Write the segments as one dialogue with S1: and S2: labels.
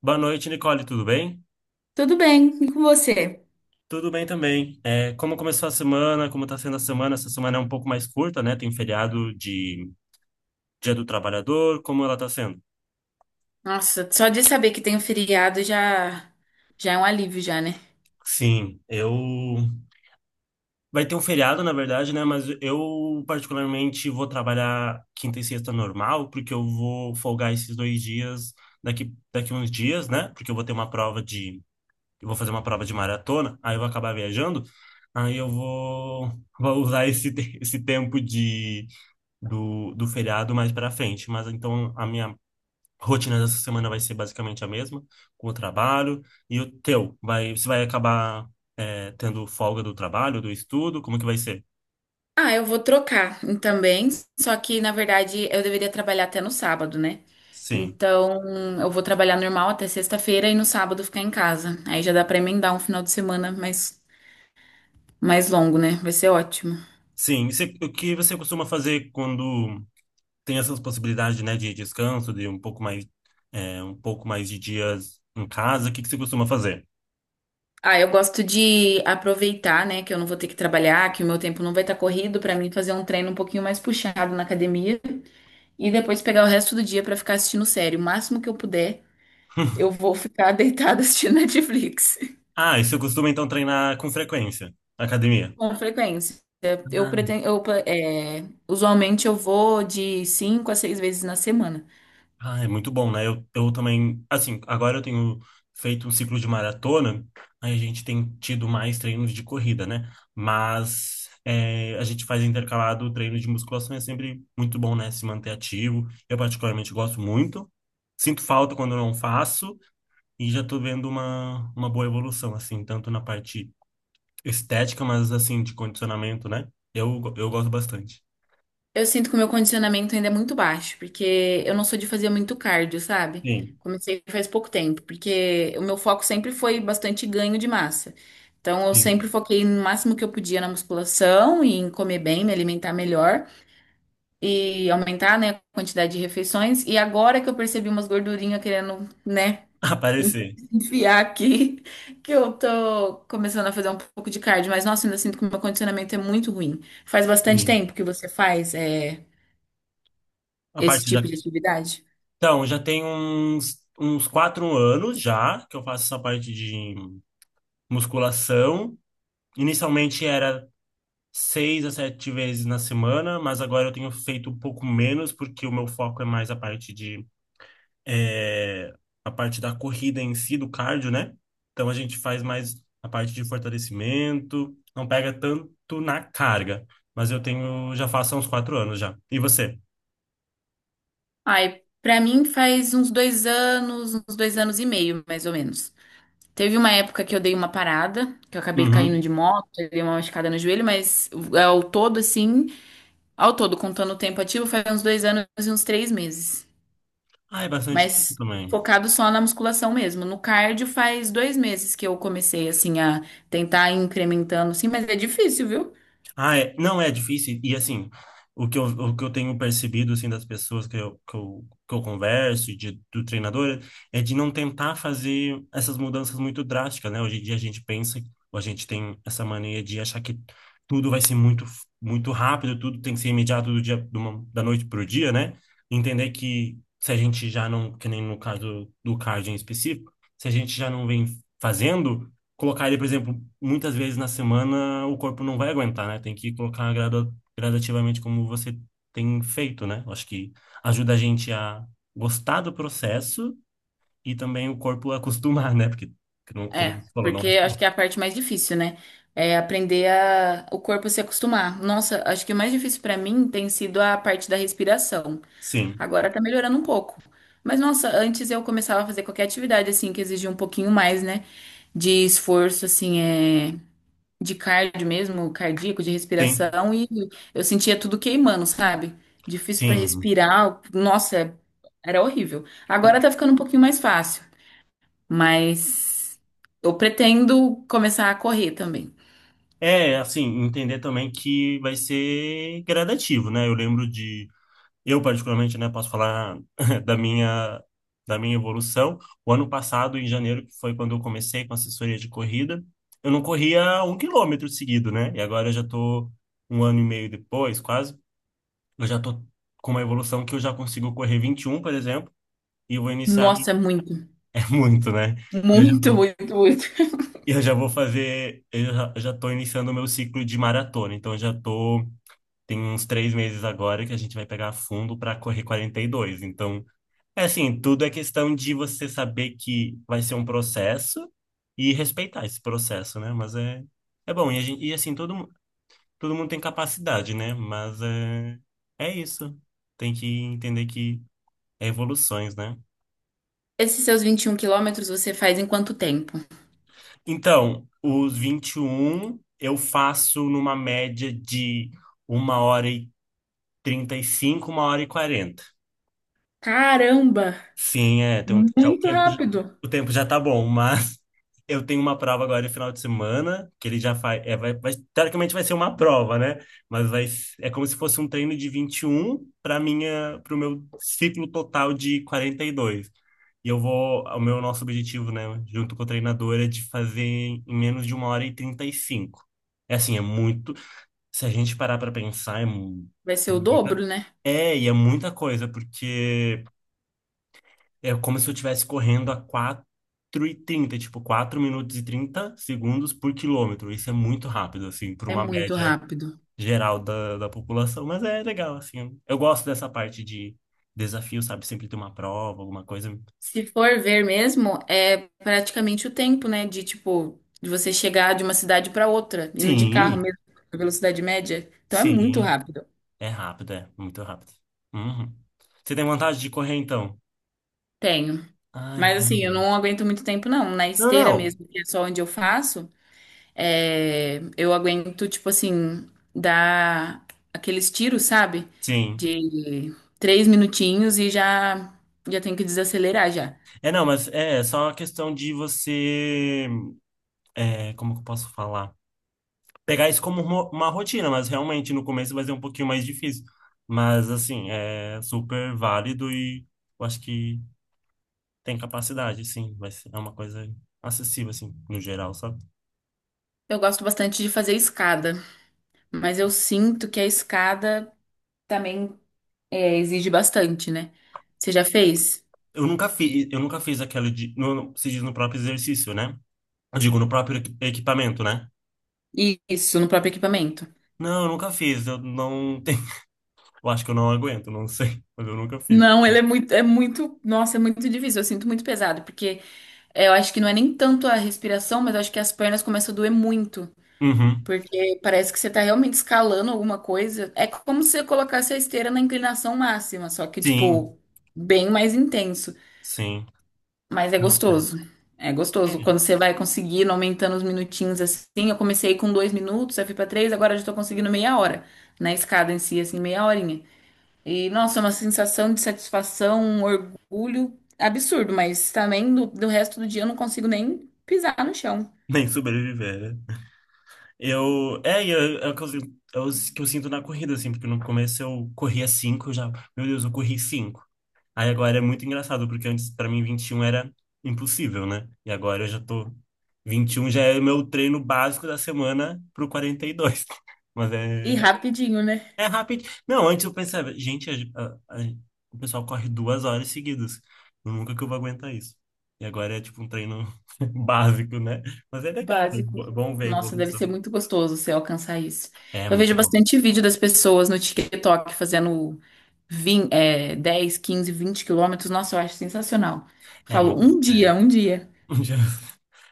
S1: Boa noite, Nicole, tudo bem?
S2: Tudo bem, e com você?
S1: Tudo bem também. É, como começou a semana? Como está sendo a semana? Essa semana é um pouco mais curta, né? Tem feriado de Dia do Trabalhador. Como ela está sendo?
S2: Nossa, só de saber que tem um feriado já, já é um alívio já, né?
S1: Sim, eu. Vai ter um feriado, na verdade, né? Mas eu, particularmente, vou trabalhar quinta e sexta normal, porque eu vou folgar esses dois dias daqui uns dias, né? Porque eu vou ter uma prova de. Eu vou fazer uma prova de maratona, aí eu vou acabar viajando. Aí eu vou usar esse tempo de do feriado mais para frente. Mas então a minha rotina dessa semana vai ser basicamente a mesma, com o trabalho. E o teu, você vai acabar tendo folga do trabalho, do estudo? Como que vai ser?
S2: Ah, eu vou trocar também, só que na verdade eu deveria trabalhar até no sábado, né?
S1: Sim.
S2: Então, eu vou trabalhar normal até sexta-feira e no sábado ficar em casa. Aí já dá pra emendar um final de semana mais longo, né? Vai ser ótimo.
S1: Sim. E você, o que você costuma fazer quando tem essas possibilidades, né, de descanso, de um pouco mais, é, um pouco mais de dias em casa? O que que você costuma fazer?
S2: Ah, eu gosto de aproveitar, né, que eu não vou ter que trabalhar, que o meu tempo não vai estar corrido pra mim fazer um treino um pouquinho mais puxado na academia. E depois pegar o resto do dia pra ficar assistindo série. O máximo que eu puder, eu vou ficar deitada assistindo Netflix.
S1: Ah, e você costuma então treinar com frequência? Academia.
S2: Com frequência. Eu pretendo, eu, é, Usualmente eu vou de cinco a seis vezes na semana.
S1: Ah, é muito bom, né? Eu também, assim, agora eu tenho feito um ciclo de maratona, aí a gente tem tido mais treinos de corrida, né? Mas é, a gente faz intercalado o treino de musculação, é sempre muito bom, né? Se manter ativo. Eu particularmente gosto muito. Sinto falta quando eu não faço e já tô vendo uma boa evolução, assim, tanto na parte estética, mas assim, de condicionamento, né? Eu gosto bastante.
S2: Eu sinto que o meu condicionamento ainda é muito baixo, porque eu não sou de fazer muito cardio, sabe?
S1: Sim,
S2: Comecei faz pouco tempo, porque o meu foco sempre foi bastante ganho de massa. Então eu
S1: sim.
S2: sempre foquei no máximo que eu podia na musculação e em comer bem, me alimentar melhor. E aumentar, né, a quantidade de refeições. E agora que eu percebi umas gordurinhas querendo, né,
S1: Aparecer.
S2: enfiar aqui, que eu tô começando a fazer um pouco de cardio, mas nossa, ainda sinto que o meu condicionamento é muito ruim. Faz bastante
S1: Sim.
S2: tempo que você faz, é,
S1: A
S2: esse
S1: parte de.
S2: tipo de atividade?
S1: Então, já tem uns 4 anos já que eu faço essa parte de musculação. Inicialmente era 6 a 7 vezes na semana, mas agora eu tenho feito um pouco menos porque o meu foco é mais eh, a parte da corrida em si, do cardio, né? Então a gente faz mais a parte de fortalecimento, não pega tanto na carga, mas eu tenho já faço há uns 4 anos já. E você?
S2: Ai, pra mim faz uns dois anos e meio, mais ou menos. Teve uma época que eu dei uma parada, que eu acabei caindo
S1: Uhum.
S2: de moto, eu dei uma machucada no joelho, mas é, ao todo, assim, ao todo, contando o tempo ativo, faz uns dois anos e uns três meses.
S1: Ah, é bastante tempo
S2: Mas
S1: também.
S2: focado só na musculação mesmo. No cardio faz dois meses que eu comecei, assim, a tentar ir incrementando, sim, mas é difícil, viu?
S1: Ah, é, não é difícil. E assim, o que eu tenho percebido assim das pessoas que eu converso e do treinador é de não tentar fazer essas mudanças muito drásticas, né? Hoje em dia a gente pensa, ou a gente tem essa mania de achar que tudo vai ser muito muito rápido, tudo tem que ser imediato do dia da noite para o dia, né? Entender que se a gente já não, que nem no caso do cardio em específico, se a gente já não vem fazendo colocar ele, por exemplo, muitas vezes na semana, o corpo não vai aguentar, né? Tem que colocar gradativamente como você tem feito, né? Eu acho que ajuda a gente a gostar do processo e também o corpo a acostumar, né? Porque, como
S2: É,
S1: você falou, não é
S2: porque eu acho
S1: fácil.
S2: que é a parte mais difícil, né? É aprender a, o corpo se acostumar. Nossa, acho que o mais difícil pra mim tem sido a parte da respiração.
S1: Sim,
S2: Agora tá melhorando um pouco. Mas nossa, antes eu começava a fazer qualquer atividade assim que exigia um pouquinho mais, né? De esforço, assim, de cardio mesmo, cardíaco, de
S1: sim,
S2: respiração, e eu sentia tudo queimando, sabe? Difícil para
S1: sim.
S2: respirar, nossa, era horrível.
S1: E
S2: Agora tá ficando um pouquinho mais fácil, mas eu pretendo começar a correr também.
S1: é, assim, entender também que vai ser gradativo, né? Eu lembro de. Eu, particularmente, né, posso falar da minha, da minha evolução. O ano passado, em janeiro, que foi quando eu comecei com assessoria de corrida, eu não corria 1 quilômetro seguido, né? E agora eu já tô 1 ano e meio depois, quase, eu já tô com uma evolução que eu já consigo correr 21, por exemplo, e eu vou iniciar...
S2: Nossa, é muito,
S1: É muito, né? E eu já
S2: muito,
S1: vou,
S2: muito, muito.
S1: e eu já vou fazer... eu já tô iniciando o meu ciclo de maratona, então eu já tô... Tem uns 3 meses agora que a gente vai pegar fundo para correr 42 então... É assim, tudo é questão de você saber que vai ser um processo e respeitar esse processo, né? Mas é, é bom. E, a gente, e assim, todo mundo tem capacidade, né? Mas é, é isso. Tem que entender que é evoluções, né?
S2: Esses seus 21 quilômetros você faz em quanto tempo?
S1: Então, os 21 eu faço numa média de 1h35, 1h40.
S2: Caramba,
S1: Sim, é, tem um, já,
S2: muito rápido.
S1: o tempo já tá bom, mas eu tenho uma prova agora no final de semana, que ele já faz, é, teoricamente vai ser uma prova, né? Mas é como se fosse um treino de 21 para o meu ciclo total de 42. E dois. O meu nosso objetivo, né, junto com a treinadora, é de fazer em menos de uma hora e 35. É assim, é muito, se a gente parar para pensar,
S2: Vai ser o dobro, né?
S1: é muita coisa, porque é como se eu estivesse correndo a 4:30, tipo, 4 minutos e 30 segundos por quilômetro. Isso é muito rápido, assim, para
S2: É
S1: uma
S2: muito
S1: média
S2: rápido.
S1: geral da população. Mas é legal, assim. Eu gosto dessa parte de desafio, sabe? Sempre ter uma prova, alguma coisa.
S2: Se for ver mesmo, é praticamente o tempo, né? De tipo, de você chegar de uma cidade para outra, indo de carro
S1: Sim,
S2: mesmo, a velocidade média. Então é muito
S1: sim.
S2: rápido.
S1: É rápido, é. Muito rápido. Uhum. Você tem vontade de correr, então?
S2: Tenho.
S1: Ai,
S2: Mas
S1: coisa
S2: assim, eu
S1: boa.
S2: não aguento muito tempo, não. Na
S1: Não,
S2: esteira
S1: não.
S2: mesmo, que é só onde eu faço, é, eu aguento, tipo assim, dar aqueles tiros, sabe?
S1: Sim.
S2: De três minutinhos e já tenho que desacelerar já.
S1: É, não, mas é só uma questão de você. É, como que eu posso falar? Pegar isso como uma rotina, mas realmente no começo vai ser um pouquinho mais difícil. Mas assim, é super válido e eu acho que tem capacidade, sim, vai ser, é uma coisa acessível assim, no geral, sabe?
S2: Eu gosto bastante de fazer escada, mas eu sinto que a escada também. É, exige bastante, né? Você já fez?
S1: Eu nunca fiz aquela de se diz no próprio exercício, né? Eu digo no próprio equipamento, né?
S2: Isso, no próprio equipamento.
S1: Não, eu nunca fiz, eu não tenho, eu acho que eu não aguento, não sei, mas eu nunca fiz.
S2: Não, ele é muito, nossa, é muito difícil. Eu sinto muito pesado, porque é, eu acho que não é nem tanto a respiração, mas eu acho que as pernas começam a doer muito,
S1: Uhum.
S2: porque parece que você tá realmente escalando alguma coisa. É como se você colocasse a esteira na inclinação máxima, só que,
S1: Sim,
S2: tipo, bem mais intenso.
S1: sim.
S2: Mas é
S1: Não, é.
S2: gostoso. É gostoso.
S1: É.
S2: Quando você vai conseguindo, aumentando os minutinhos assim. Eu comecei com dois minutos, aí fui pra três, agora eu já tô conseguindo meia hora. Na escada em si, assim, meia horinha. E, nossa, é uma sensação de satisfação, um orgulho absurdo, mas também do, do resto do dia eu não consigo nem pisar no chão.
S1: Nem sobreviver, né? Eu, é o que eu, sinto- é o que eu sinto na corrida, assim, porque no começo eu corria 5 eu já, meu Deus, eu corri cinco. Aí agora é muito engraçado, porque antes pra mim 21 era impossível, né? E agora eu já tô, 21 já é meu treino básico da semana pro 42. Mas
S2: E
S1: é,
S2: rapidinho, né?
S1: é rápido. Não, antes eu pensava, gente, a- a- o pessoal corre 2 horas seguidas. Nunca que eu vou aguentar isso. E agora é tipo um treino básico, né? Mas é legal, é
S2: Básico.
S1: bom ver a
S2: Nossa, deve
S1: evolução.
S2: ser muito gostoso você alcançar isso.
S1: É
S2: Eu
S1: muito
S2: vejo
S1: bom.
S2: bastante vídeo das pessoas no TikTok fazendo 20, é, 10, 15, 20 quilômetros. Nossa, eu acho sensacional.
S1: É
S2: Falo,
S1: muito.
S2: um
S1: É.
S2: dia, um dia.
S1: Já-.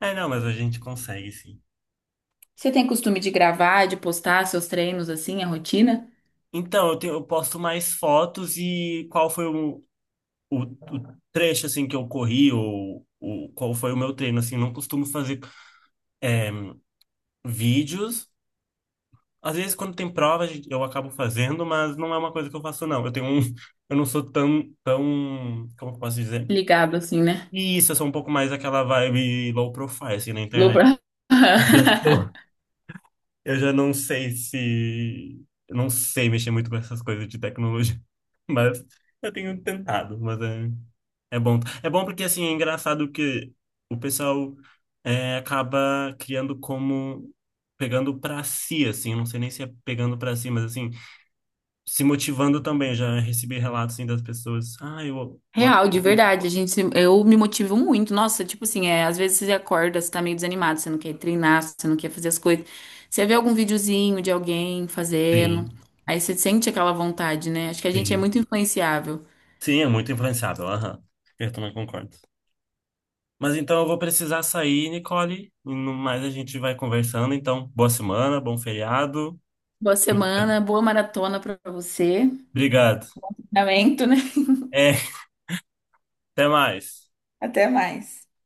S1: É, não, mas a gente consegue, sim.
S2: Você tem costume de gravar, de postar seus treinos assim, a rotina?
S1: Então, eu posto mais fotos e qual foi o trecho, assim, que eu corri ou qual foi o meu treino, assim. Não costumo fazer é, vídeos. Às vezes, quando tem prova, eu acabo fazendo, mas não é uma coisa que eu faço, não. Eu tenho um... Eu não sou tão, tão... Como eu posso dizer?
S2: Ligado assim, né?
S1: Isso, eu sou um pouco mais aquela vibe low profile, assim, na
S2: Vou
S1: internet.
S2: pra-
S1: Eu já não sei se. Eu não sei mexer muito com essas coisas de tecnologia. Mas eu tenho tentado. Mas é, é bom. É bom porque, assim, é engraçado que o pessoal acaba criando como. Pegando pra si, assim. Eu não sei nem se é pegando pra si, mas, assim, se motivando também. Eu já recebi relatos, assim, das pessoas. Ah, eu. Eu...
S2: Real, de verdade, a gente, eu me motivo muito. Nossa, tipo assim, é, às vezes você acorda, você tá meio desanimado, você não quer treinar, você não quer fazer as coisas. Você vê algum videozinho de alguém fazendo,
S1: Sim,
S2: aí você sente aquela vontade, né? Acho que a gente é
S1: sim.
S2: muito influenciável.
S1: Sim, é muito influenciável. Aham. Eu também concordo. Mas então eu vou precisar sair, Nicole, e no mais a gente vai conversando. Então, boa semana, bom feriado.
S2: Boa semana, boa maratona pra você.
S1: Obrigado.
S2: Lamento, né?
S1: É, até mais.
S2: Até mais.